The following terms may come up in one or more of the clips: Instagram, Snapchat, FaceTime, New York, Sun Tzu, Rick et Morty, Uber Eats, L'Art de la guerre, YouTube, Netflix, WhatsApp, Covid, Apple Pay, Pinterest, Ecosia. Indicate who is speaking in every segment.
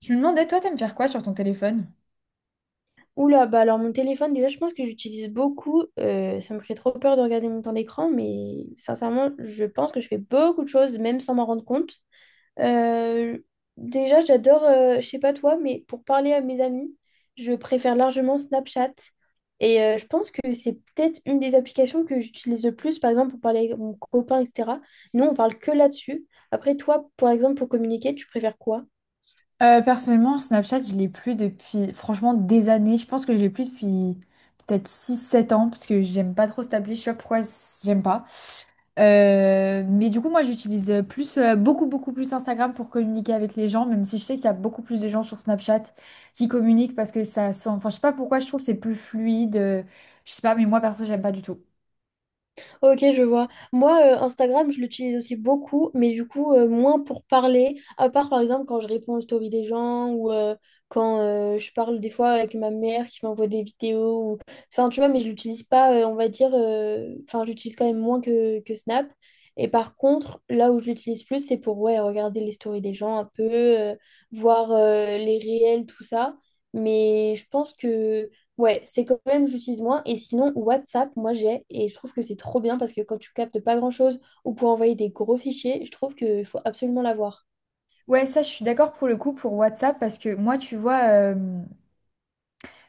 Speaker 1: Tu me demandais, toi, t'aimes faire quoi sur ton téléphone?
Speaker 2: Oula, bah alors mon téléphone, déjà, je pense que j'utilise beaucoup. Ça me ferait trop peur de regarder mon temps d'écran, mais sincèrement, je pense que je fais beaucoup de choses, même sans m'en rendre compte. Euh, déjà, j'adore, je sais pas toi, mais pour parler à mes amis, je préfère largement Snapchat. Et je pense que c'est peut-être une des applications que j'utilise le plus, par exemple, pour parler avec mon copain, etc. Nous, on parle que là-dessus. Après, toi, par exemple, pour communiquer, tu préfères quoi?
Speaker 1: Personnellement, Snapchat, je l'ai plus depuis, franchement, des années. Je pense que je l'ai plus depuis peut-être 6 7 ans, parce que j'aime pas trop cette appli. Je sais pas pourquoi j'aime pas. Mais du coup, moi, j'utilise plus, beaucoup plus Instagram pour communiquer avec les gens, même si je sais qu'il y a beaucoup plus de gens sur Snapchat qui communiquent parce que ça sent. Enfin, je sais pas pourquoi je trouve que c'est plus fluide. Je sais pas, mais moi, perso, j'aime pas du tout.
Speaker 2: Ok, je vois. Moi, Instagram, je l'utilise aussi beaucoup, mais du coup, moins pour parler, à part par exemple quand je réponds aux stories des gens ou quand je parle des fois avec ma mère qui m'envoie des vidéos. Enfin, tu vois, mais je l'utilise pas, on va dire, enfin, j'utilise quand même moins que, Snap. Et par contre, là où je l'utilise plus, c'est pour, ouais, regarder les stories des gens un peu, voir les réels, tout ça. Mais je pense que. Ouais, c'est quand même, j'utilise moins. Et sinon, WhatsApp, moi j'ai, et je trouve que c'est trop bien parce que quand tu captes pas grand-chose ou pour envoyer des gros fichiers, je trouve qu'il faut absolument l'avoir.
Speaker 1: Ouais, ça, je suis d'accord pour le coup pour WhatsApp, parce que moi, tu vois.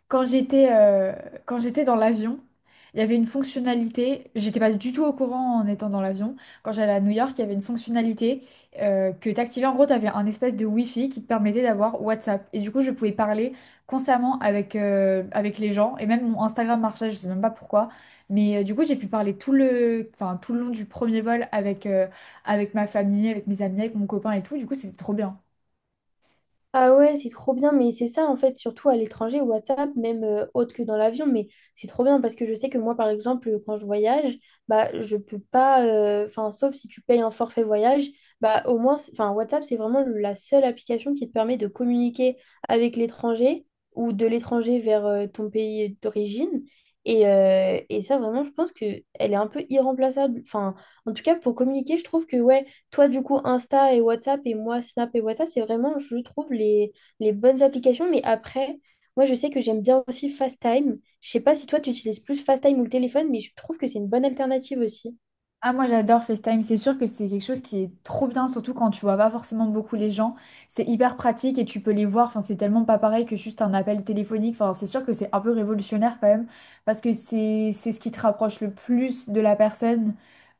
Speaker 1: Quand j'étais euh, Quand j'étais dans l'avion, il y avait une fonctionnalité, j'étais pas du tout au courant en étant dans l'avion. Quand j'allais à New York, il y avait une fonctionnalité que t'activais. En gros, t'avais un espèce de Wi-Fi qui te permettait d'avoir WhatsApp. Et du coup, je pouvais parler constamment avec, avec les gens. Et même mon Instagram marchait, je sais même pas pourquoi. Mais du coup, j'ai pu parler tout le, enfin, tout le long du premier vol avec, avec ma famille, avec mes amis, avec mon copain et tout. Du coup, c'était trop bien.
Speaker 2: Ah ouais, c'est trop bien, mais c'est ça en fait, surtout à l'étranger, WhatsApp, même autre que dans l'avion, mais c'est trop bien parce que je sais que moi, par exemple, quand je voyage, bah je peux pas, enfin, sauf si tu payes un forfait voyage, bah au moins, enfin, WhatsApp, c'est vraiment la seule application qui te permet de communiquer avec l'étranger ou de l'étranger vers ton pays d'origine. Et ça, vraiment, je pense que elle est un peu irremplaçable. Enfin, en tout cas, pour communiquer, je trouve que ouais. Toi, du coup, Insta et WhatsApp et moi, Snap et WhatsApp, c'est vraiment, je trouve, les bonnes applications. Mais après, moi, je sais que j'aime bien aussi FaceTime. Je sais pas si toi, tu utilises plus FaceTime ou le téléphone, mais je trouve que c'est une bonne alternative aussi.
Speaker 1: Ah, moi j'adore FaceTime, c'est sûr que c'est quelque chose qui est trop bien, surtout quand tu vois pas forcément beaucoup les gens. C'est hyper pratique et tu peux les voir, enfin, c'est tellement pas pareil que juste un appel téléphonique. Enfin, c'est sûr que c'est un peu révolutionnaire quand même, parce que c'est ce qui te rapproche le plus de la personne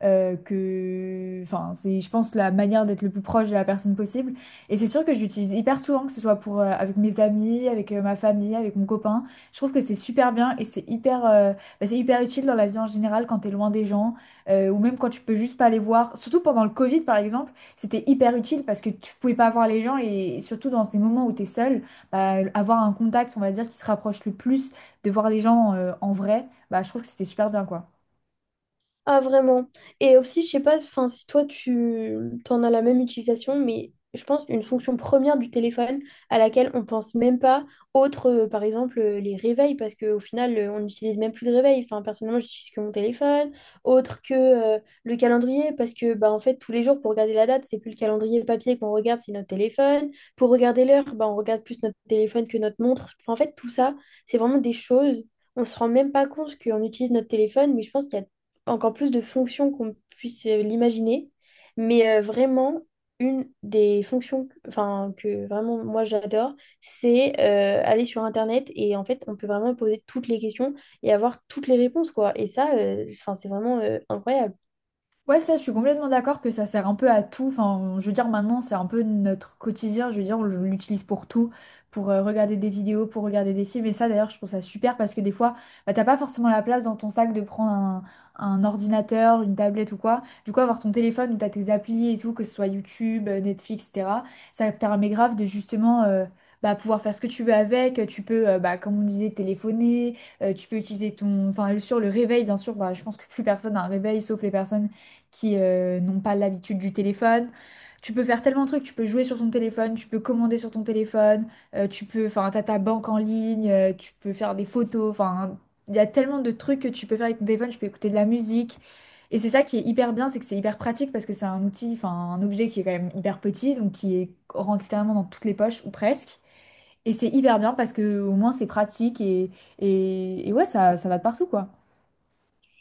Speaker 1: que. Enfin, c'est, je pense, la manière d'être le plus proche de la personne possible. Et c'est sûr que j'utilise hyper souvent, que ce soit pour, avec mes amis, avec ma famille, avec mon copain. Je trouve que c'est super bien et c'est hyper, bah, c'est hyper utile dans la vie en général quand t'es loin des gens ou même quand tu peux juste pas les voir. Surtout pendant le Covid, par exemple, c'était hyper utile parce que tu pouvais pas voir les gens et surtout dans ces moments où tu es seul, bah, avoir un contact, on va dire, qui se rapproche le plus de voir les gens en vrai, bah, je trouve que c'était super bien, quoi.
Speaker 2: Ah, vraiment. Et aussi, je sais pas, enfin, si toi, tu t'en as la même utilisation, mais je pense une fonction première du téléphone à laquelle on pense même pas, autre, par exemple, les réveils, parce qu'au final, on n'utilise même plus de réveil. Enfin, personnellement, j'utilise que mon téléphone, autre que le calendrier, parce que, bah, en fait, tous les jours, pour regarder la date, c'est plus le calendrier papier qu'on regarde, c'est notre téléphone. Pour regarder l'heure, bah, on regarde plus notre téléphone que notre montre. Enfin, en fait, tout ça, c'est vraiment des choses. On se rend même pas compte qu'on utilise notre téléphone, mais je pense qu'il y a encore plus de fonctions qu'on puisse l'imaginer. Mais vraiment, une des fonctions enfin, que vraiment moi j'adore, c'est aller sur Internet et en fait, on peut vraiment poser toutes les questions et avoir toutes les réponses, quoi. Et ça, enfin, c'est vraiment incroyable.
Speaker 1: Ouais, ça, je suis complètement d'accord que ça sert un peu à tout. Enfin, je veux dire, maintenant, c'est un peu notre quotidien. Je veux dire, on l'utilise pour tout, pour regarder des vidéos, pour regarder des films. Et ça, d'ailleurs, je trouve ça super parce que des fois, bah, t'as pas forcément la place dans ton sac de prendre un ordinateur, une tablette ou quoi. Du coup, avoir ton téléphone où t'as tes applis et tout, que ce soit YouTube, Netflix, etc., ça te permet grave de justement. Bah, pouvoir faire ce que tu veux avec, tu peux, bah, comme on disait, téléphoner, tu peux utiliser ton... Enfin, sur le réveil, bien sûr, bah, je pense que plus personne a un réveil, sauf les personnes qui n'ont pas l'habitude du téléphone. Tu peux faire tellement de trucs, tu peux jouer sur ton téléphone, tu peux commander sur ton téléphone, tu peux, enfin, t'as ta banque en ligne, tu peux faire des photos, enfin, il y a tellement de trucs que tu peux faire avec ton téléphone, tu peux écouter de la musique. Et c'est ça qui est hyper bien, c'est que c'est hyper pratique parce que c'est un outil, enfin, un objet qui est quand même hyper petit, donc qui est rentre littéralement dans toutes les poches ou presque. Et c'est hyper bien parce que au moins c'est pratique et, et ouais, ça va de partout, quoi.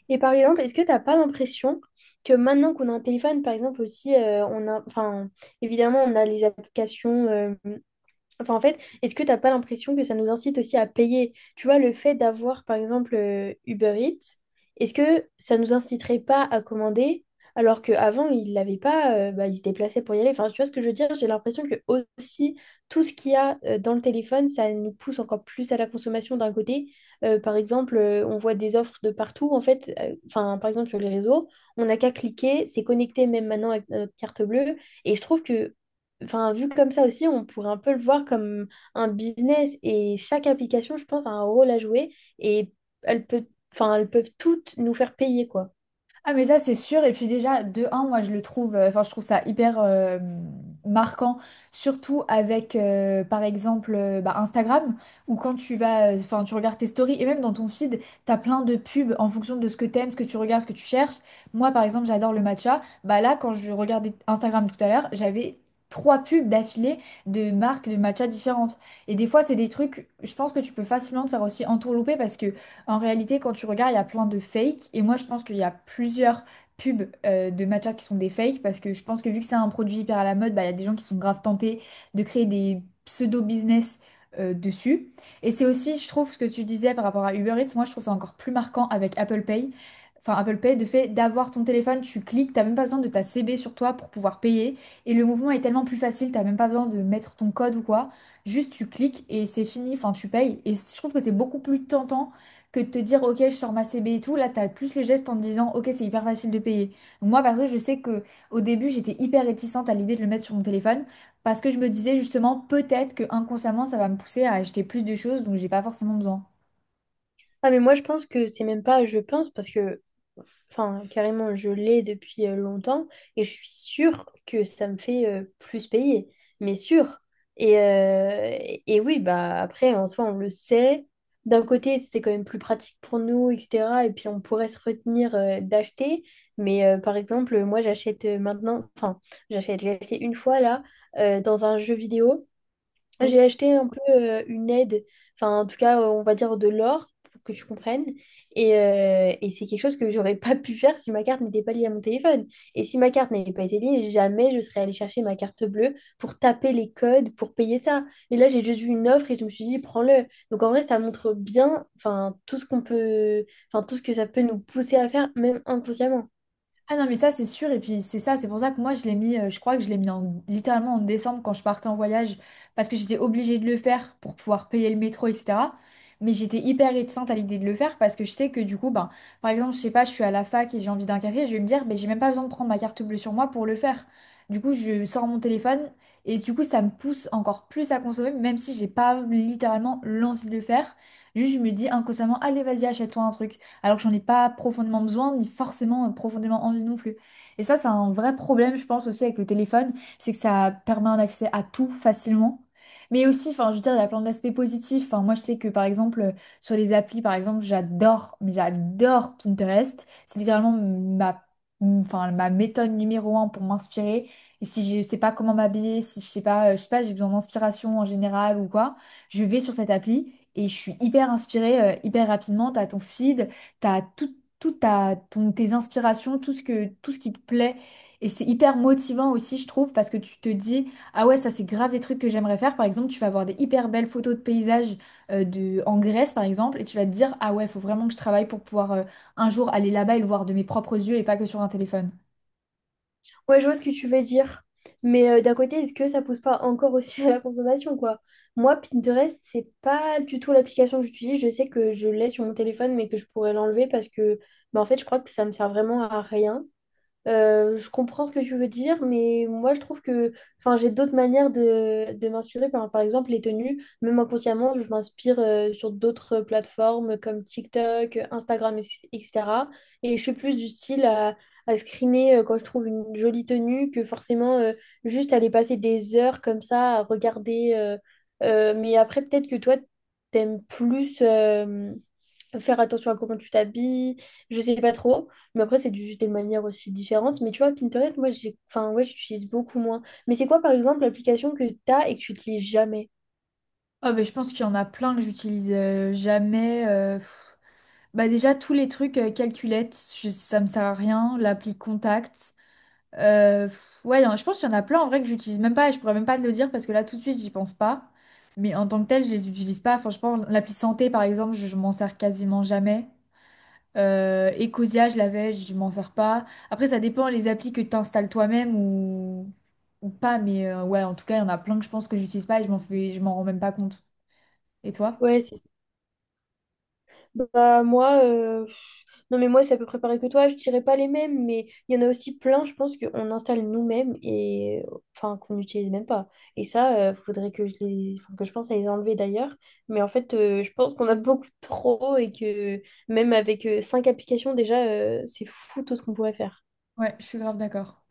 Speaker 2: Et par exemple, est-ce que t'as pas l'impression que maintenant qu'on a un téléphone, par exemple aussi, on a, enfin, évidemment, on a les applications. Enfin, en fait, est-ce que t'as pas l'impression que ça nous incite aussi à payer? Tu vois, le fait d'avoir, par exemple, Uber Eats, est-ce que ça nous inciterait pas à commander alors qu'avant, ils l'avaient pas, bah, ils se déplaçaient pour y aller. Enfin, tu vois ce que je veux dire? J'ai l'impression que aussi, tout ce qu'il y a dans le téléphone, ça nous pousse encore plus à la consommation d'un côté. Par exemple, on voit des offres de partout. En fait, enfin, par exemple, sur les réseaux, on n'a qu'à cliquer, c'est connecté même maintenant avec notre carte bleue. Et je trouve que, enfin, vu comme ça aussi, on pourrait un peu le voir comme un business et chaque application, je pense, a un rôle à jouer et elles peut, enfin, elles peuvent toutes nous faire payer, quoi.
Speaker 1: Ah mais ça c'est sûr et puis déjà de un moi je le trouve enfin je trouve ça hyper marquant surtout avec par exemple bah, Instagram où quand tu vas enfin tu regardes tes stories et même dans ton feed t'as plein de pubs en fonction de ce que t'aimes ce que tu regardes ce que tu cherches moi par exemple j'adore le matcha bah là quand je regardais Instagram tout à l'heure j'avais 3 pubs d'affilée de marques de matcha différentes et des fois c'est des trucs je pense que tu peux facilement te faire aussi entourlouper parce que en réalité, quand tu regardes, il y a plein de fakes. Et moi, je pense qu'il y a plusieurs pubs de matcha qui sont des fakes. Parce que je pense que vu que c'est un produit hyper à la mode, bah, il y a des gens qui sont grave tentés de créer des pseudo-business dessus. Et c'est aussi, je trouve, ce que tu disais par rapport à Uber Eats. Moi, je trouve ça encore plus marquant avec Apple Pay. Enfin, Apple Pay, de fait d'avoir ton téléphone, tu cliques, t'as même pas besoin de ta CB sur toi pour pouvoir payer. Et le mouvement est tellement plus facile, t'as même pas besoin de mettre ton code ou quoi. Juste, tu cliques et c'est fini. Enfin, tu payes. Et je trouve que c'est beaucoup plus tentant que de te dire, ok, je sors ma CB et tout, là, t'as plus le geste en te disant, ok, c'est hyper facile de payer. Donc moi, perso, je sais que au début, j'étais hyper réticente à l'idée de le mettre sur mon téléphone parce que je me disais justement, peut-être que inconsciemment, ça va me pousser à acheter plus de choses, donc j'ai pas forcément besoin.
Speaker 2: Ah, mais moi, je pense que c'est même pas, je pense, parce que enfin, carrément, je l'ai depuis longtemps et je suis sûre que ça me fait plus payer, mais sûr. Et, euh, et oui, bah après, en soi, on le sait. D'un côté, c'est quand même plus pratique pour nous, etc. Et puis, on pourrait se retenir d'acheter. Mais par exemple, moi, j'achète maintenant, enfin, j'ai acheté une fois là, dans un jeu vidéo.
Speaker 1: Oui.
Speaker 2: J'ai acheté un peu une aide, enfin en tout cas on va dire de l'or pour que tu comprennes. Et c'est quelque chose que j'aurais pas pu faire si ma carte n'était pas liée à mon téléphone. Et si ma carte n'avait pas été liée, jamais je serais allée chercher ma carte bleue pour taper les codes pour payer ça. Et là j'ai juste vu une offre et je me suis dit prends-le. Donc en vrai ça montre bien, enfin tout ce qu'on peut, enfin tout ce que ça peut nous pousser à faire même inconsciemment.
Speaker 1: Ah non, mais ça, c'est sûr. Et puis, c'est ça, c'est pour ça que moi, je l'ai mis, je crois que je l'ai mis en, littéralement en décembre quand je partais en voyage, parce que j'étais obligée de le faire pour pouvoir payer le métro, etc. Mais j'étais hyper réticente à l'idée de le faire parce que je sais que du coup, ben, par exemple, je sais pas, je suis à la fac et j'ai envie d'un café, je vais me dire, ben, j'ai même pas besoin de prendre ma carte bleue sur moi pour le faire. Du coup, je sors mon téléphone et du coup, ça me pousse encore plus à consommer, même si j'ai pas littéralement l'envie de le faire. Juste, je me dis inconsciemment, allez, vas-y, achète-toi un truc alors que j'en ai pas profondément besoin, ni forcément profondément envie non plus. Et ça, c'est un vrai problème, je pense, aussi avec le téléphone, c'est que ça permet un accès à tout facilement. Mais aussi, enfin, je veux dire, il y a plein d'aspects positifs. Enfin, moi, je sais que, par exemple, sur les applis, par exemple, j'adore, mais j'adore Pinterest. C'est littéralement ma, enfin, ma méthode numéro un pour m'inspirer. Et si je sais pas comment m'habiller, si je sais pas, je sais pas, j'ai besoin d'inspiration en général ou quoi, je vais sur cette appli et je suis hyper inspirée, hyper rapidement. T'as ton feed, t'as tout, tes inspirations, tout ce que, tout ce qui te plaît. Et c'est hyper motivant aussi, je trouve, parce que tu te dis, ah ouais, ça c'est grave des trucs que j'aimerais faire. Par exemple, tu vas avoir des hyper belles photos de paysages en Grèce, par exemple, et tu vas te dire, ah ouais, faut vraiment que je travaille pour pouvoir un jour aller là-bas et le voir de mes propres yeux et pas que sur un téléphone.
Speaker 2: Ouais, je vois ce que tu veux dire. Mais d'un côté, est-ce que ça pousse pas encore aussi à la consommation, quoi? Moi, Pinterest, c'est pas du tout l'application que j'utilise. Je sais que je l'ai sur mon téléphone, mais que je pourrais l'enlever parce que, bah, en fait, je crois que ça me sert vraiment à rien. Je comprends ce que tu veux dire, mais moi je trouve que enfin, j'ai d'autres manières de m'inspirer. Par exemple, les tenues, même inconsciemment, je m'inspire sur d'autres plateformes comme TikTok, Instagram, etc. Et je suis plus du style à, screener quand je trouve une jolie tenue que forcément juste aller passer des heures comme ça à regarder. Mais après, peut-être que toi, t'aimes plus faire attention à comment tu t'habilles, je sais pas trop, mais après c'est des manières aussi différentes, mais tu vois Pinterest, moi j'ai enfin ouais, j'utilise beaucoup moins. Mais c'est quoi par exemple l'application que t'as et que tu utilises jamais?
Speaker 1: Ah bah, je pense qu'il y en a plein que j'utilise jamais. Pff. Bah déjà, tous les trucs calculettes, ça me sert à rien. L'appli Contact. Ouais, je pense qu'il y en a plein en vrai que j'utilise même pas et je pourrais même pas te le dire parce que là tout de suite j'y pense pas. Mais en tant que tel, je les utilise pas. Franchement, l'appli santé par exemple, je m'en sers quasiment jamais. Ecosia, je l'avais, je m'en sers pas. Après, ça dépend les applis que tu installes toi-même ou pas. Mais ouais, en tout cas, il y en a plein que je pense que j'utilise pas et je m'en fais... je m'en rends même pas compte. Et toi?
Speaker 2: Ouais, c'est. Bah moi, non mais moi c'est à peu près pareil que toi, je dirais pas les mêmes, mais il y en a aussi plein, je pense, qu'on installe nous-mêmes et enfin qu'on n'utilise même pas. Et ça, il faudrait que je les, enfin, que je pense à les enlever d'ailleurs. Mais en fait, je pense qu'on a beaucoup trop et que même avec cinq applications déjà, c'est fou tout ce qu'on pourrait faire.
Speaker 1: Ouais, je suis grave d'accord.